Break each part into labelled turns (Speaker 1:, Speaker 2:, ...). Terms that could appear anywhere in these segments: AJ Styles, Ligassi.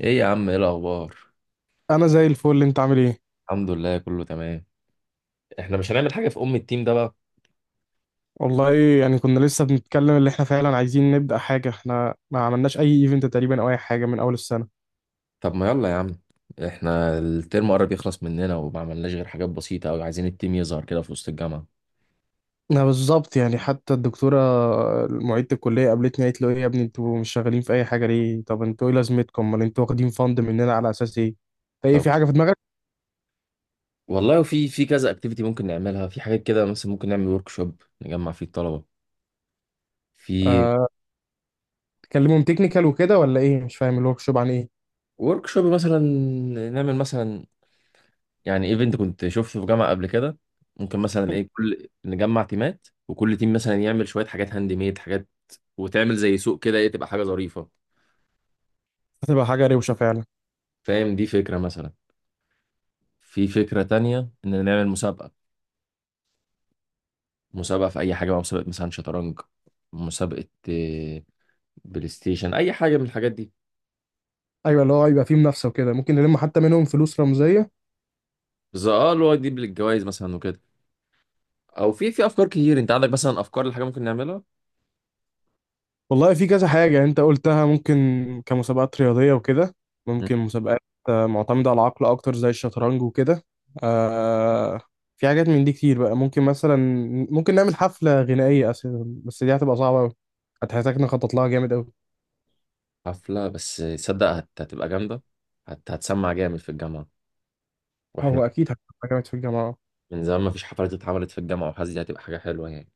Speaker 1: ايه يا عم، ايه الاخبار؟
Speaker 2: انا زي الفل، انت عامل ايه؟
Speaker 1: الحمد لله، كله تمام. احنا مش هنعمل حاجه في ام التيم ده بقى؟
Speaker 2: والله يعني كنا لسه بنتكلم اللي احنا فعلا عايزين نبدا حاجه، احنا ما عملناش اي ايفنت تقريبا او اي حاجه من اول السنه.
Speaker 1: طب ما يلا يا عم. احنا الترم قرب يخلص مننا، وما عملناش غير حاجات بسيطه قوي. عايزين التيم يظهر كده في وسط الجامعه.
Speaker 2: انا بالظبط، يعني حتى الدكتوره معيده الكليه قابلتني قالت له ايه يا ابني، انتوا مش شغالين في اي حاجه ليه؟ طب انتوا ايه لازمتكم، امال انتوا واخدين فند مننا على اساس ايه؟ فايه،
Speaker 1: طب
Speaker 2: في حاجه في دماغك؟
Speaker 1: والله في كذا اكتيفيتي ممكن نعملها، في حاجات كده. مثلا ممكن نعمل ورك شوب نجمع فيه الطلبه. في
Speaker 2: آه، تكلمهم تكنيكال وكده ولا ايه؟ مش فاهم الورك شوب عن ايه.
Speaker 1: ورك شوب مثلا، نعمل مثلا، يعني ايفنت كنت شفته في جامعه قبل كده. ممكن مثلا ايه، كل نجمع تيمات وكل تيم مثلا يعمل شويه حاجات هاند ميد، حاجات وتعمل زي سوق كده، ايه تبقى حاجه ظريفه.
Speaker 2: هتبقى حاجه روشه فعلا.
Speaker 1: فاهم؟ دي فكرة مثلا. في فكرة تانية إن نعمل مسابقة، مسابقة في أي حاجة بقى، مسابقة مثلا شطرنج، مسابقة بلاي ستيشن، أي حاجة من الحاجات دي.
Speaker 2: ايوه، اللي هو يبقى فيه منافسه وكده، ممكن نلم حتى منهم فلوس رمزيه.
Speaker 1: بس اه، اللي هو دي بالجوائز مثلا وكده. أو في أفكار كتير. أنت عندك مثلا أفكار لحاجة ممكن نعملها؟
Speaker 2: والله في كذا حاجة يعني، انت قلتها ممكن كمسابقات رياضية وكده.
Speaker 1: مم.
Speaker 2: ممكن مسابقات معتمدة على العقل اكتر زي الشطرنج وكده. آه، في حاجات من دي كتير بقى، ممكن مثلا ممكن نعمل حفلة غنائية أساسا، بس دي هتبقى صعبة أوي، هتحتاج نخطط لها جامد أوي.
Speaker 1: حفلة بس، تصدق هتبقى جامدة. هتسمع جامد في الجامعة. وإحنا
Speaker 2: هو أكيد هتبقى جامد في الجامعة.
Speaker 1: من زمان ما فيش حفلات اتعملت في الجامعة، وحاسس دي هتبقى حاجة حلوة يعني.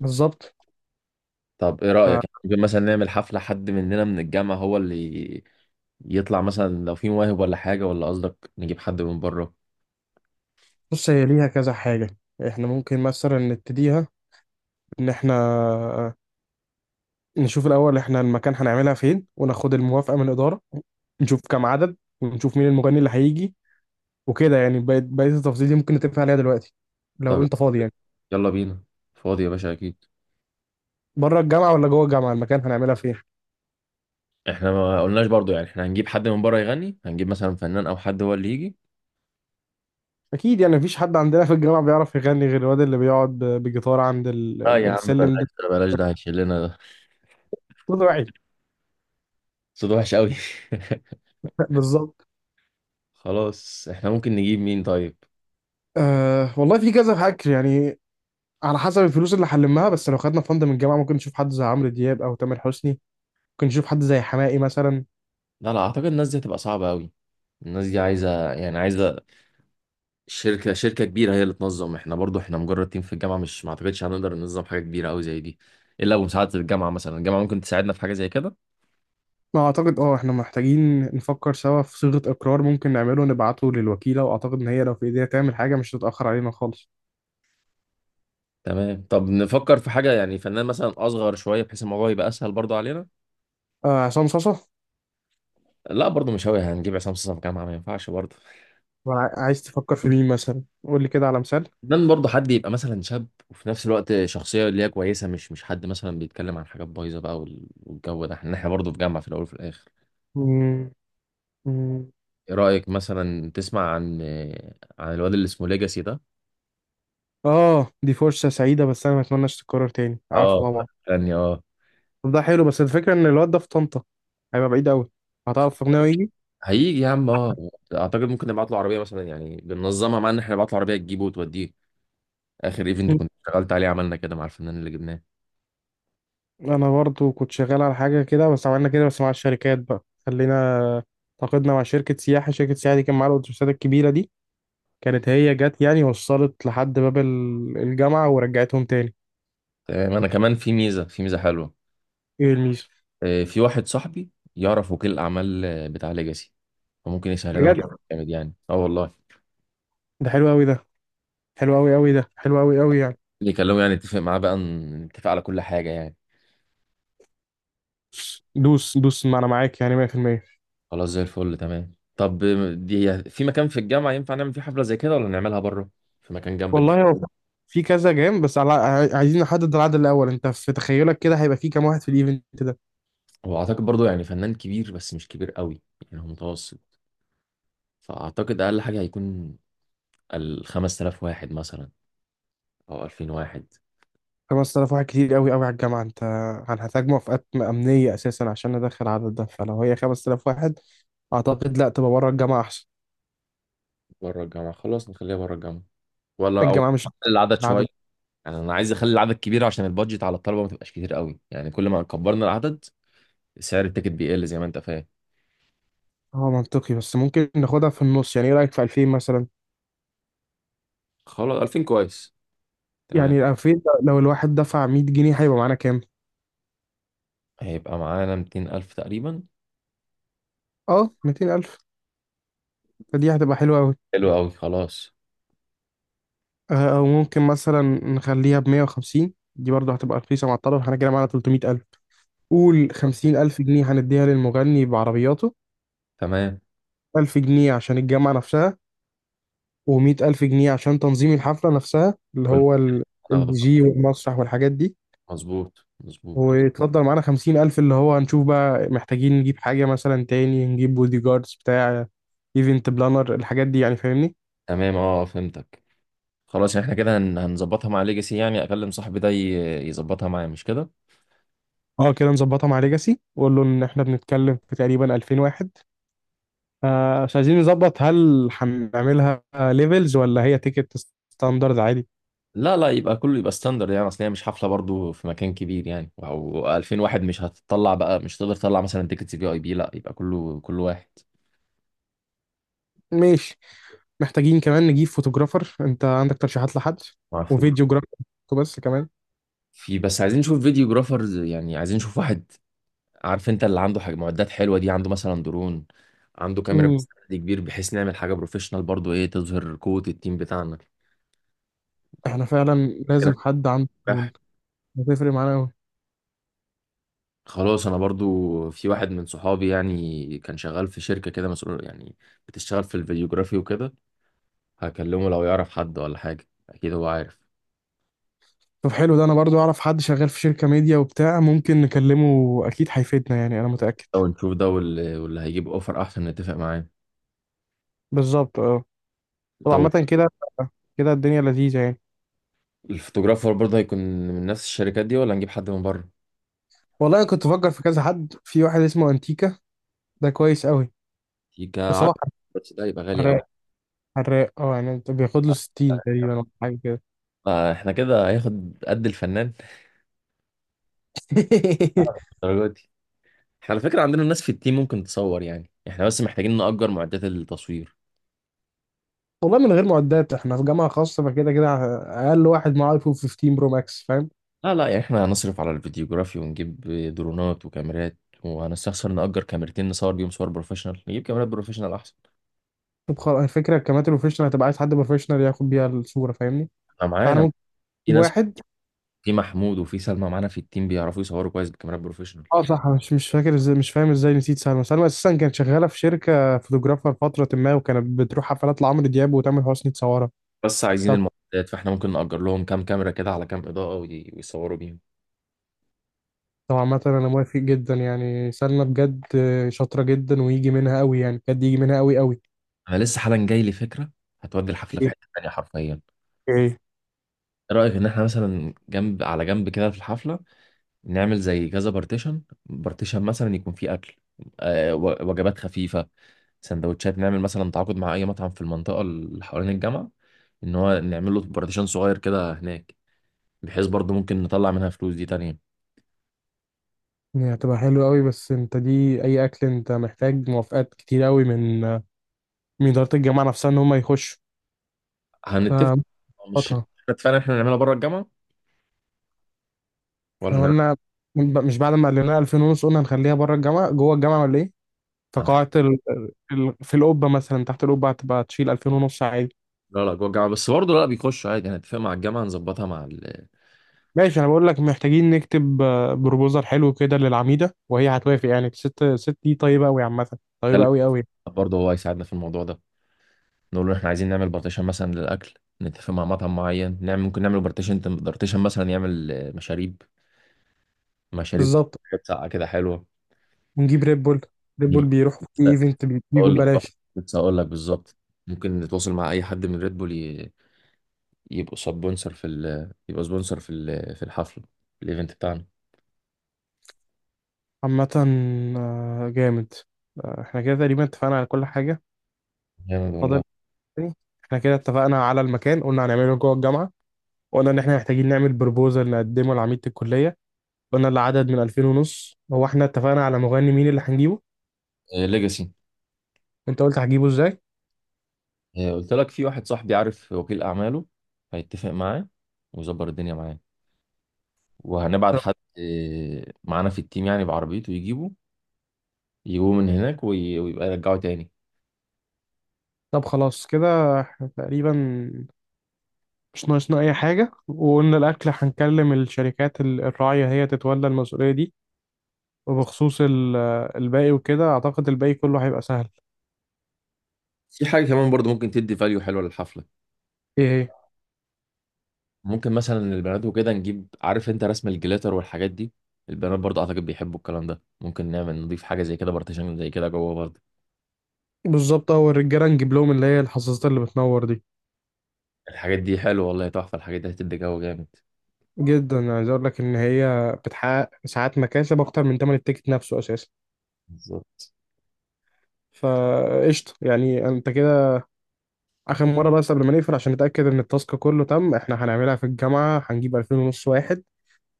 Speaker 2: بالظبط،
Speaker 1: طب ايه رأيك؟ يعني ممكن مثلا نعمل حفلة، حد مننا من الجامعة هو اللي يطلع مثلا لو في مواهب ولا حاجة، ولا قصدك نجيب حد من بره؟
Speaker 2: فبص هي ليها كذا حاجة، احنا ممكن مثلا نبتديها إن احنا نشوف الأول إحنا المكان هنعملها فين وناخد الموافقة من الإدارة، نشوف كام عدد، ونشوف مين المغني اللي هيجي، وكده يعني بقية التفاصيل دي ممكن نتفق عليها دلوقتي لو
Speaker 1: طب
Speaker 2: أنت فاضي يعني.
Speaker 1: يلا بينا، فاضي يا باشا اكيد.
Speaker 2: بره الجامعة ولا جوه الجامعة المكان هنعملها فين؟
Speaker 1: احنا ما قلناش برضو، يعني احنا هنجيب حد من بره يغني؟ هنجيب مثلا فنان او حد هو اللي يجي؟
Speaker 2: أكيد يعني مفيش حد عندنا في الجامعة بيعرف يغني غير الواد اللي بيقعد بجيتار عند
Speaker 1: لا يا عم،
Speaker 2: السلم
Speaker 1: بلاش
Speaker 2: ده.
Speaker 1: ده، بلاش ده هيشيلنا، ده
Speaker 2: طلع
Speaker 1: صوت وحش قوي.
Speaker 2: بالظبط.
Speaker 1: خلاص، احنا ممكن نجيب مين طيب؟
Speaker 2: أه والله في كذا فكر يعني على حسب الفلوس اللي هنلمها، بس لو خدنا فند من الجامعة ممكن نشوف حد زي عمرو دياب أو تامر حسني، ممكن نشوف حد زي حماقي مثلا.
Speaker 1: لا لا، اعتقد الناس دي هتبقى صعبة قوي. الناس دي عايزة، يعني عايزة شركة كبيرة هي اللي تنظم. احنا برضو احنا مجرد تيم في الجامعة، مش، ما اعتقدش هنقدر ننظم حاجة كبيرة قوي زي دي الا بمساعدة الجامعة. مثلا الجامعة ممكن تساعدنا في حاجة زي كده.
Speaker 2: ما اعتقد، اه احنا محتاجين نفكر سوا في صيغة اقرار ممكن نعمله نبعته للوكيلة، واعتقد ان هي لو في ايديها تعمل حاجة مش هتتأخر علينا خالص.
Speaker 1: تمام، طب نفكر في حاجة، يعني فنان مثلا اصغر شوية بحيث الموضوع يبقى اسهل برضو علينا.
Speaker 2: آه، عصام صاصا.
Speaker 1: لا برضو مش هوي، هنجيب عصام صاصا في الجامعة؟ ما ينفعش برضو.
Speaker 2: ولا عايز تفكر في مين مثلا؟ قول لي كده على مثال.
Speaker 1: فنان برضو حد يبقى مثلا شاب، وفي نفس الوقت شخصية اللي هي كويسة، مش حد مثلا بيتكلم عن حاجات بايظة بقى، والجو ده، احنا برضو في جامعة في الاول وفي الاخر.
Speaker 2: مم، مم.
Speaker 1: ايه رأيك مثلا تسمع عن عن الواد اللي اسمه ليجاسي ده؟
Speaker 2: اه دي فرصة سعيدة، بس انا ما اتمناش تتكرر تاني، عارفه
Speaker 1: اه،
Speaker 2: طبعا.
Speaker 1: فني اه.
Speaker 2: طب ده حلو، بس الفكرة ان الواد ده في طنطا، هيبقى بعيد قوي، هتعرف تقنعه يجي؟
Speaker 1: هيجي يا عم اه. اعتقد ممكن نبعت له عربيه مثلا، يعني بننظمها، مع ان احنا نبعت له عربيه تجيبه وتوديه. اخر ايفنت
Speaker 2: مم.
Speaker 1: كنت اشتغلت عليه عملنا كده مع الفنان اللي جبناه.
Speaker 2: انا برضو كنت شغال على حاجة كده، بس عملنا كده بس مع الشركات بقى، خلينا تعاقدنا مع شركة سياحة، شركة سياحة دي كان معاها الأتوبيسات الكبيرة دي، كانت هي جت يعني وصلت لحد باب الجامعة ورجعتهم تاني.
Speaker 1: تمام. انا كمان في ميزه، في ميزه حلوه.
Speaker 2: ايه الميزة؟
Speaker 1: في واحد صاحبي يعرف وكيل الاعمال، بتاع ليجاسي، فممكن يسهل لنا الموضوع.
Speaker 2: بجد؟
Speaker 1: جامد يعني، اه والله.
Speaker 2: ده حلو قوي ده، حلو قوي قوي، ده حلو قوي قوي يعني.
Speaker 1: اللي يكلمه يعني نتفق معاه بقى، نتفق على كل حاجه يعني.
Speaker 2: دوس دوس، ما انا معاك يعني 100%.
Speaker 1: خلاص، زي الفل، تمام. طب دي في مكان في الجامعه ينفع نعمل فيه حفله زي كده، ولا نعملها بره؟ في مكان جنب
Speaker 2: والله
Speaker 1: الجامعه.
Speaker 2: هو في كذا جيم، بس على عايزين نحدد العدد الاول، انت في تخيلك كده هيبقى في كام واحد في الايفنت ده؟
Speaker 1: هو اعتقد برضه يعني فنان كبير بس مش كبير قوي، يعني هو متوسط. فأعتقد أقل حاجة هيكون الخمس آلاف واحد مثلا، أو ألفين واحد.
Speaker 2: 5000 واحد كتير قوي قوي على الجامعة انت، هنحتاج موافقات امنية اساسا عشان ندخل العدد ده، فلو هي 5000 واحد اعتقد لا، تبقى بره الجامعة احسن.
Speaker 1: بره الجامعة، خلاص نخليها بره الجامعة. ولا أو نقلل
Speaker 2: الجامعة مش،
Speaker 1: العدد شوية؟
Speaker 2: العدد
Speaker 1: يعني أنا عايز أخلي العدد كبير عشان البادجت على الطلبة ما تبقاش كتير قوي، يعني كل ما كبرنا العدد سعر التيكت بيقل زي ما أنت فاهم.
Speaker 2: هو منطقي، بس ممكن ناخدها في النص يعني، ايه رأيك في 2000 مثلا؟
Speaker 1: خلاص 2000 كويس، تمام.
Speaker 2: يعني 2000 لو الواحد دفع 100 جنيه هيبقى معانا كام؟
Speaker 1: هيبقى معانا ميتين ألف تقريبا.
Speaker 2: اه 200000، فدي هتبقى حلوة قوي.
Speaker 1: حلو أوي، خلاص.
Speaker 2: او ممكن مثلا نخليها ب 150، دي برضه هتبقى رخيصة مع الطرف، احنا كده معانا 300000. قول 50000 جنيه هنديها للمغني بعربياته،
Speaker 1: تمام،
Speaker 2: 1000 جنيه عشان الجامعة نفسها، و100000 جنيه عشان تنظيم الحفلة نفسها اللي
Speaker 1: كل ما
Speaker 2: هو الدي
Speaker 1: هناخده،
Speaker 2: جي والمسرح والحاجات دي.
Speaker 1: مظبوط مظبوط.
Speaker 2: ويتفضل معانا 50000 اللي هو هنشوف بقى محتاجين نجيب حاجة مثلا تاني، نجيب بودي جاردز، بتاع ايفنت بلانر، الحاجات دي يعني فاهمني.
Speaker 1: تمام، أه فهمتك. خلاص، يعني إحنا كده هنظبطها مع ليجاسي، يعني أكلم صاحبي ده يظبطها معايا، مش كده؟
Speaker 2: اه كده نظبطها مع ليجاسي، وقول له ان احنا بنتكلم في تقريبا 2000 واحد. آه، مش عايزين نظبط هل هنعملها ليفلز ولا هي تيكت ستاندرد عادي؟
Speaker 1: لا لا، يبقى كله يبقى ستاندرد يعني، اصل هي مش حفله برضو في مكان كبير يعني، او 2000 واحد مش هتطلع بقى، مش تقدر تطلع مثلا تيكتس في اي بي، لا يبقى كله كل واحد.
Speaker 2: ماشي. محتاجين كمان نجيب فوتوجرافر، انت عندك ترشيحات لحد؟
Speaker 1: ما اعرفش.
Speaker 2: وفيديو جرافر بس كمان.
Speaker 1: في بس عايزين نشوف فيديو جرافرز، يعني عايزين نشوف واحد. عارف انت اللي عنده حاجه معدات حلوه دي، عنده مثلا درون، عنده كاميرا
Speaker 2: مم.
Speaker 1: بستند كبير، بحيث نعمل حاجه بروفيشنال برضو ايه تظهر قوه التيم بتاعنا.
Speaker 2: احنا فعلا
Speaker 1: كده
Speaker 2: لازم حد عنده
Speaker 1: نجح.
Speaker 2: فنون، هتفرق معانا أوي.
Speaker 1: خلاص، انا برضو في واحد من صحابي، يعني كان شغال في شركه كده مسؤول يعني، بتشتغل في الفيديوجرافي وكده. هكلمه لو يعرف حد ولا حاجة، أكيد هو عارف.
Speaker 2: طب حلو ده، انا برضو اعرف حد شغال في شركة ميديا وبتاع، ممكن نكلمه اكيد هيفيدنا يعني، انا متأكد.
Speaker 1: لو نشوف ده واللي هيجيب أوفر أحسن نتفق معاه.
Speaker 2: بالظبط اه. طب
Speaker 1: طب
Speaker 2: عامة كده كده الدنيا لذيذة يعني.
Speaker 1: الفوتوغرافر برضه هيكون من نفس الشركات دي، ولا نجيب حد من بره؟
Speaker 2: والله انا كنت بفكر في كذا حد، في واحد اسمه انتيكا، ده كويس قوي،
Speaker 1: يبقى
Speaker 2: بس هو
Speaker 1: عارف. بس ده يبقى غالي أوي.
Speaker 2: حراق، حراق اه، يعني انت بياخد له 60 تقريبا ولا حاجة كده.
Speaker 1: احنا كده هياخد قد الفنان، الدرجة دي. احنا على فكرة عندنا ناس في التيم ممكن تصور، يعني احنا بس محتاجين نأجر معدات التصوير.
Speaker 2: والله من غير معدات، احنا في جامعة خاصة فكده كده اقل واحد معاه ايفون 15 برو ماكس فاهم.
Speaker 1: لا لا، يعني احنا هنصرف على الفيديوغرافي ونجيب درونات وكاميرات، وهنستخسر نأجر كاميرتين نصور بيهم صور بروفيشنال؟ نجيب كاميرات بروفيشنال أحسن.
Speaker 2: طب خلاص، الفكرة الكاميرا البروفيشنال هتبقى عايز حد بروفيشنال ياخد بيها الصورة فاهمني،
Speaker 1: أنا
Speaker 2: فاحنا
Speaker 1: معانا
Speaker 2: ممكن
Speaker 1: في
Speaker 2: نجيب
Speaker 1: ناس،
Speaker 2: واحد.
Speaker 1: في محمود وفي سلمى معانا في التيم بيعرفوا يصوروا كويس بكاميرات بروفيشنال.
Speaker 2: اه صح، أنا مش فاكر ازاي، مش فاهم ازاي نسيت سلمى. سلمى اساسا كانت شغاله في شركه فوتوغرافر فتره ما، وكانت بتروح حفلات لعمرو دياب وتامر حسني تصورها.
Speaker 1: بس عايزين
Speaker 2: طب
Speaker 1: المعدات، فاحنا ممكن نأجر لهم كام كاميرا كده، على كام إضاءة ويصوروا بيهم.
Speaker 2: طبعا مثلا انا موافق جدا يعني، سلمى بجد شاطره جدا، ويجي منها قوي يعني، بجد يجي منها قوي قوي.
Speaker 1: انا لسه حالا جاي لي فكرة هتودي الحفلة في
Speaker 2: ايه؟
Speaker 1: حتة تانية حرفيا. ايه
Speaker 2: ايه؟
Speaker 1: رأيك ان احنا مثلا جنب على جنب كده في الحفلة، نعمل زي كذا بارتيشن، بارتيشن مثلا يكون فيه أكل، وجبات خفيفة، سندوتشات. نعمل مثلا تعاقد مع اي مطعم في المنطقة اللي حوالين الجامعة، ان هو نعمل له بارتيشن صغير كده هناك، بحيث برضه ممكن نطلع منها فلوس دي تانية.
Speaker 2: يعني هتبقى حلوه قوي، بس انت دي اي اكل، انت محتاج موافقات كتير قوي من من اداره الجامعه نفسها ان هم يخشوا،
Speaker 1: هنتفق. مش
Speaker 2: فمظبطها.
Speaker 1: احنا فعلا احنا هنعملها بره الجامعه، ولا
Speaker 2: احنا
Speaker 1: هنعمل؟
Speaker 2: قلنا، مش بعد ما قال لنا 2000 ونص قلنا هنخليها بره الجامعه، جوه الجامعه ولا ايه؟
Speaker 1: هنخ-
Speaker 2: فقاعة في القبة مثلا، تحت القبة هتبقى تشيل 2000 ونص عادي.
Speaker 1: لا لا، جوه الجامعه بس برضه، لا بيخشوا عادي، هنتفق مع الجامعه نظبطها مع ال...
Speaker 2: ماشي، انا بقول لك محتاجين نكتب بروبوزال حلو كده للعميدة، وهي هتوافق يعني، الست دي طيبة قوي عامة، طيبة قوي قوي.
Speaker 1: برضه هو هيساعدنا في الموضوع ده. نقول له احنا عايزين نعمل بارتيشن مثلا للاكل، نتفق مع مطعم معين نعمل، ممكن نعمل بارتيشن مثلا يعمل مشاريب، مشاريب،
Speaker 2: بالظبط.
Speaker 1: حاجات ساقعه كده حلوه.
Speaker 2: ونجيب ريد بول، ريد بول
Speaker 1: نيجي-
Speaker 2: بيروحوا في ايفنت، بيجوا
Speaker 1: اقول لك
Speaker 2: ببلاش.
Speaker 1: كنت هقول لك بالظبط. ممكن نتواصل مع اي حد من ريد بول يبقوا سبونسر في ال... يبقى سبونسر في ال... في الحفله، في الايفنت بتاعنا.
Speaker 2: عامة جامد. احنا كده تقريبا اتفقنا على كل حاجة.
Speaker 1: جامد والله.
Speaker 2: فاضل تاني، احنا كده اتفقنا على المكان، قلنا هنعمله جوه الجامعة، قلنا ان احنا محتاجين نعمل بروبوزال نقدمه لعميدة الكلية، قلنا العدد من 2000 ونص، هو احنا اتفقنا على مغني مين اللي هنجيبه؟
Speaker 1: ليجاسي،
Speaker 2: انت قلت هجيبه ازاي؟
Speaker 1: قلت لك في واحد صاحبي عارف وكيل أعماله، هيتفق معاه ويظبط الدنيا معاه. وهنبعت حد معانا في التيم يعني بعربيته يجيبه، يجيبوه من هناك ويبقى يرجعه تاني.
Speaker 2: طب خلاص كده احنا تقريبا مش ناقصنا اي حاجة، وقلنا الاكل هنكلم الشركات الراعية هي تتولى المسؤولية دي. وبخصوص الباقي وكده اعتقد الباقي كله هيبقى سهل.
Speaker 1: في حاجة كمان برضو ممكن تدي فاليو حلوة للحفلة.
Speaker 2: ايه هي؟
Speaker 1: ممكن مثلا البنات وكده نجيب، عارف انت رسم الجليتر والحاجات دي؟ البنات برضو اعتقد بيحبوا الكلام ده، ممكن نعمل، نضيف حاجة زي كده، بارتيشن زي كده جوه برضو.
Speaker 2: بالظبط، هو الرجالة نجيب لهم اللي هي الحظاظات اللي بتنور دي.
Speaker 1: الحاجات دي حلوة والله، تحفة، الحاجات دي هتدي جو جامد.
Speaker 2: جدا، عايز اقول لك ان هي بتحقق ساعات مكاسب اكتر من تمن التيكت نفسه اساسا.
Speaker 1: بالظبط.
Speaker 2: فقشطة يعني انت كده. اخر مره بس قبل ما نقفل عشان نتاكد ان التاسك كله تم، احنا هنعملها في الجامعه، هنجيب 2000 ونص واحد،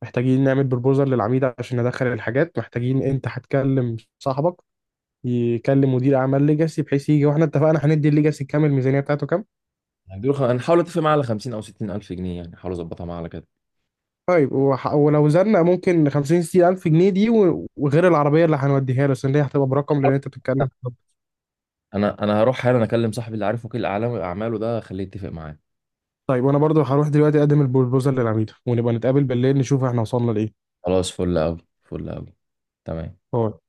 Speaker 2: محتاجين نعمل بروبوزال للعميد عشان ندخل الحاجات، محتاجين انت هتكلم صاحبك يكلم مدير اعمال ليجاسي بحيث يجي، واحنا اتفقنا هندي الليجاسي كام الميزانيه بتاعته كام.
Speaker 1: هنديله هنحاول اتفق معاه على 50 او 60 الف جنيه يعني، هحاول اظبطها معاه على كده.
Speaker 2: طيب ولو زلنا ممكن 50 60 الف جنيه دي وغير العربيه اللي هنوديها له، عشان دي هتبقى برقم، لان انت بتتكلم في الرقم.
Speaker 1: انا هروح حالا اكلم صاحبي اللي عارف وكيل اعلام اعماله ده، خليه يتفق معايا.
Speaker 2: طيب وانا برضو هروح دلوقتي اقدم البروبوزال للعميد، ونبقى نتقابل بالليل نشوف احنا وصلنا لايه.
Speaker 1: خلاص، فل قوي، فل قوي، تمام.
Speaker 2: باي.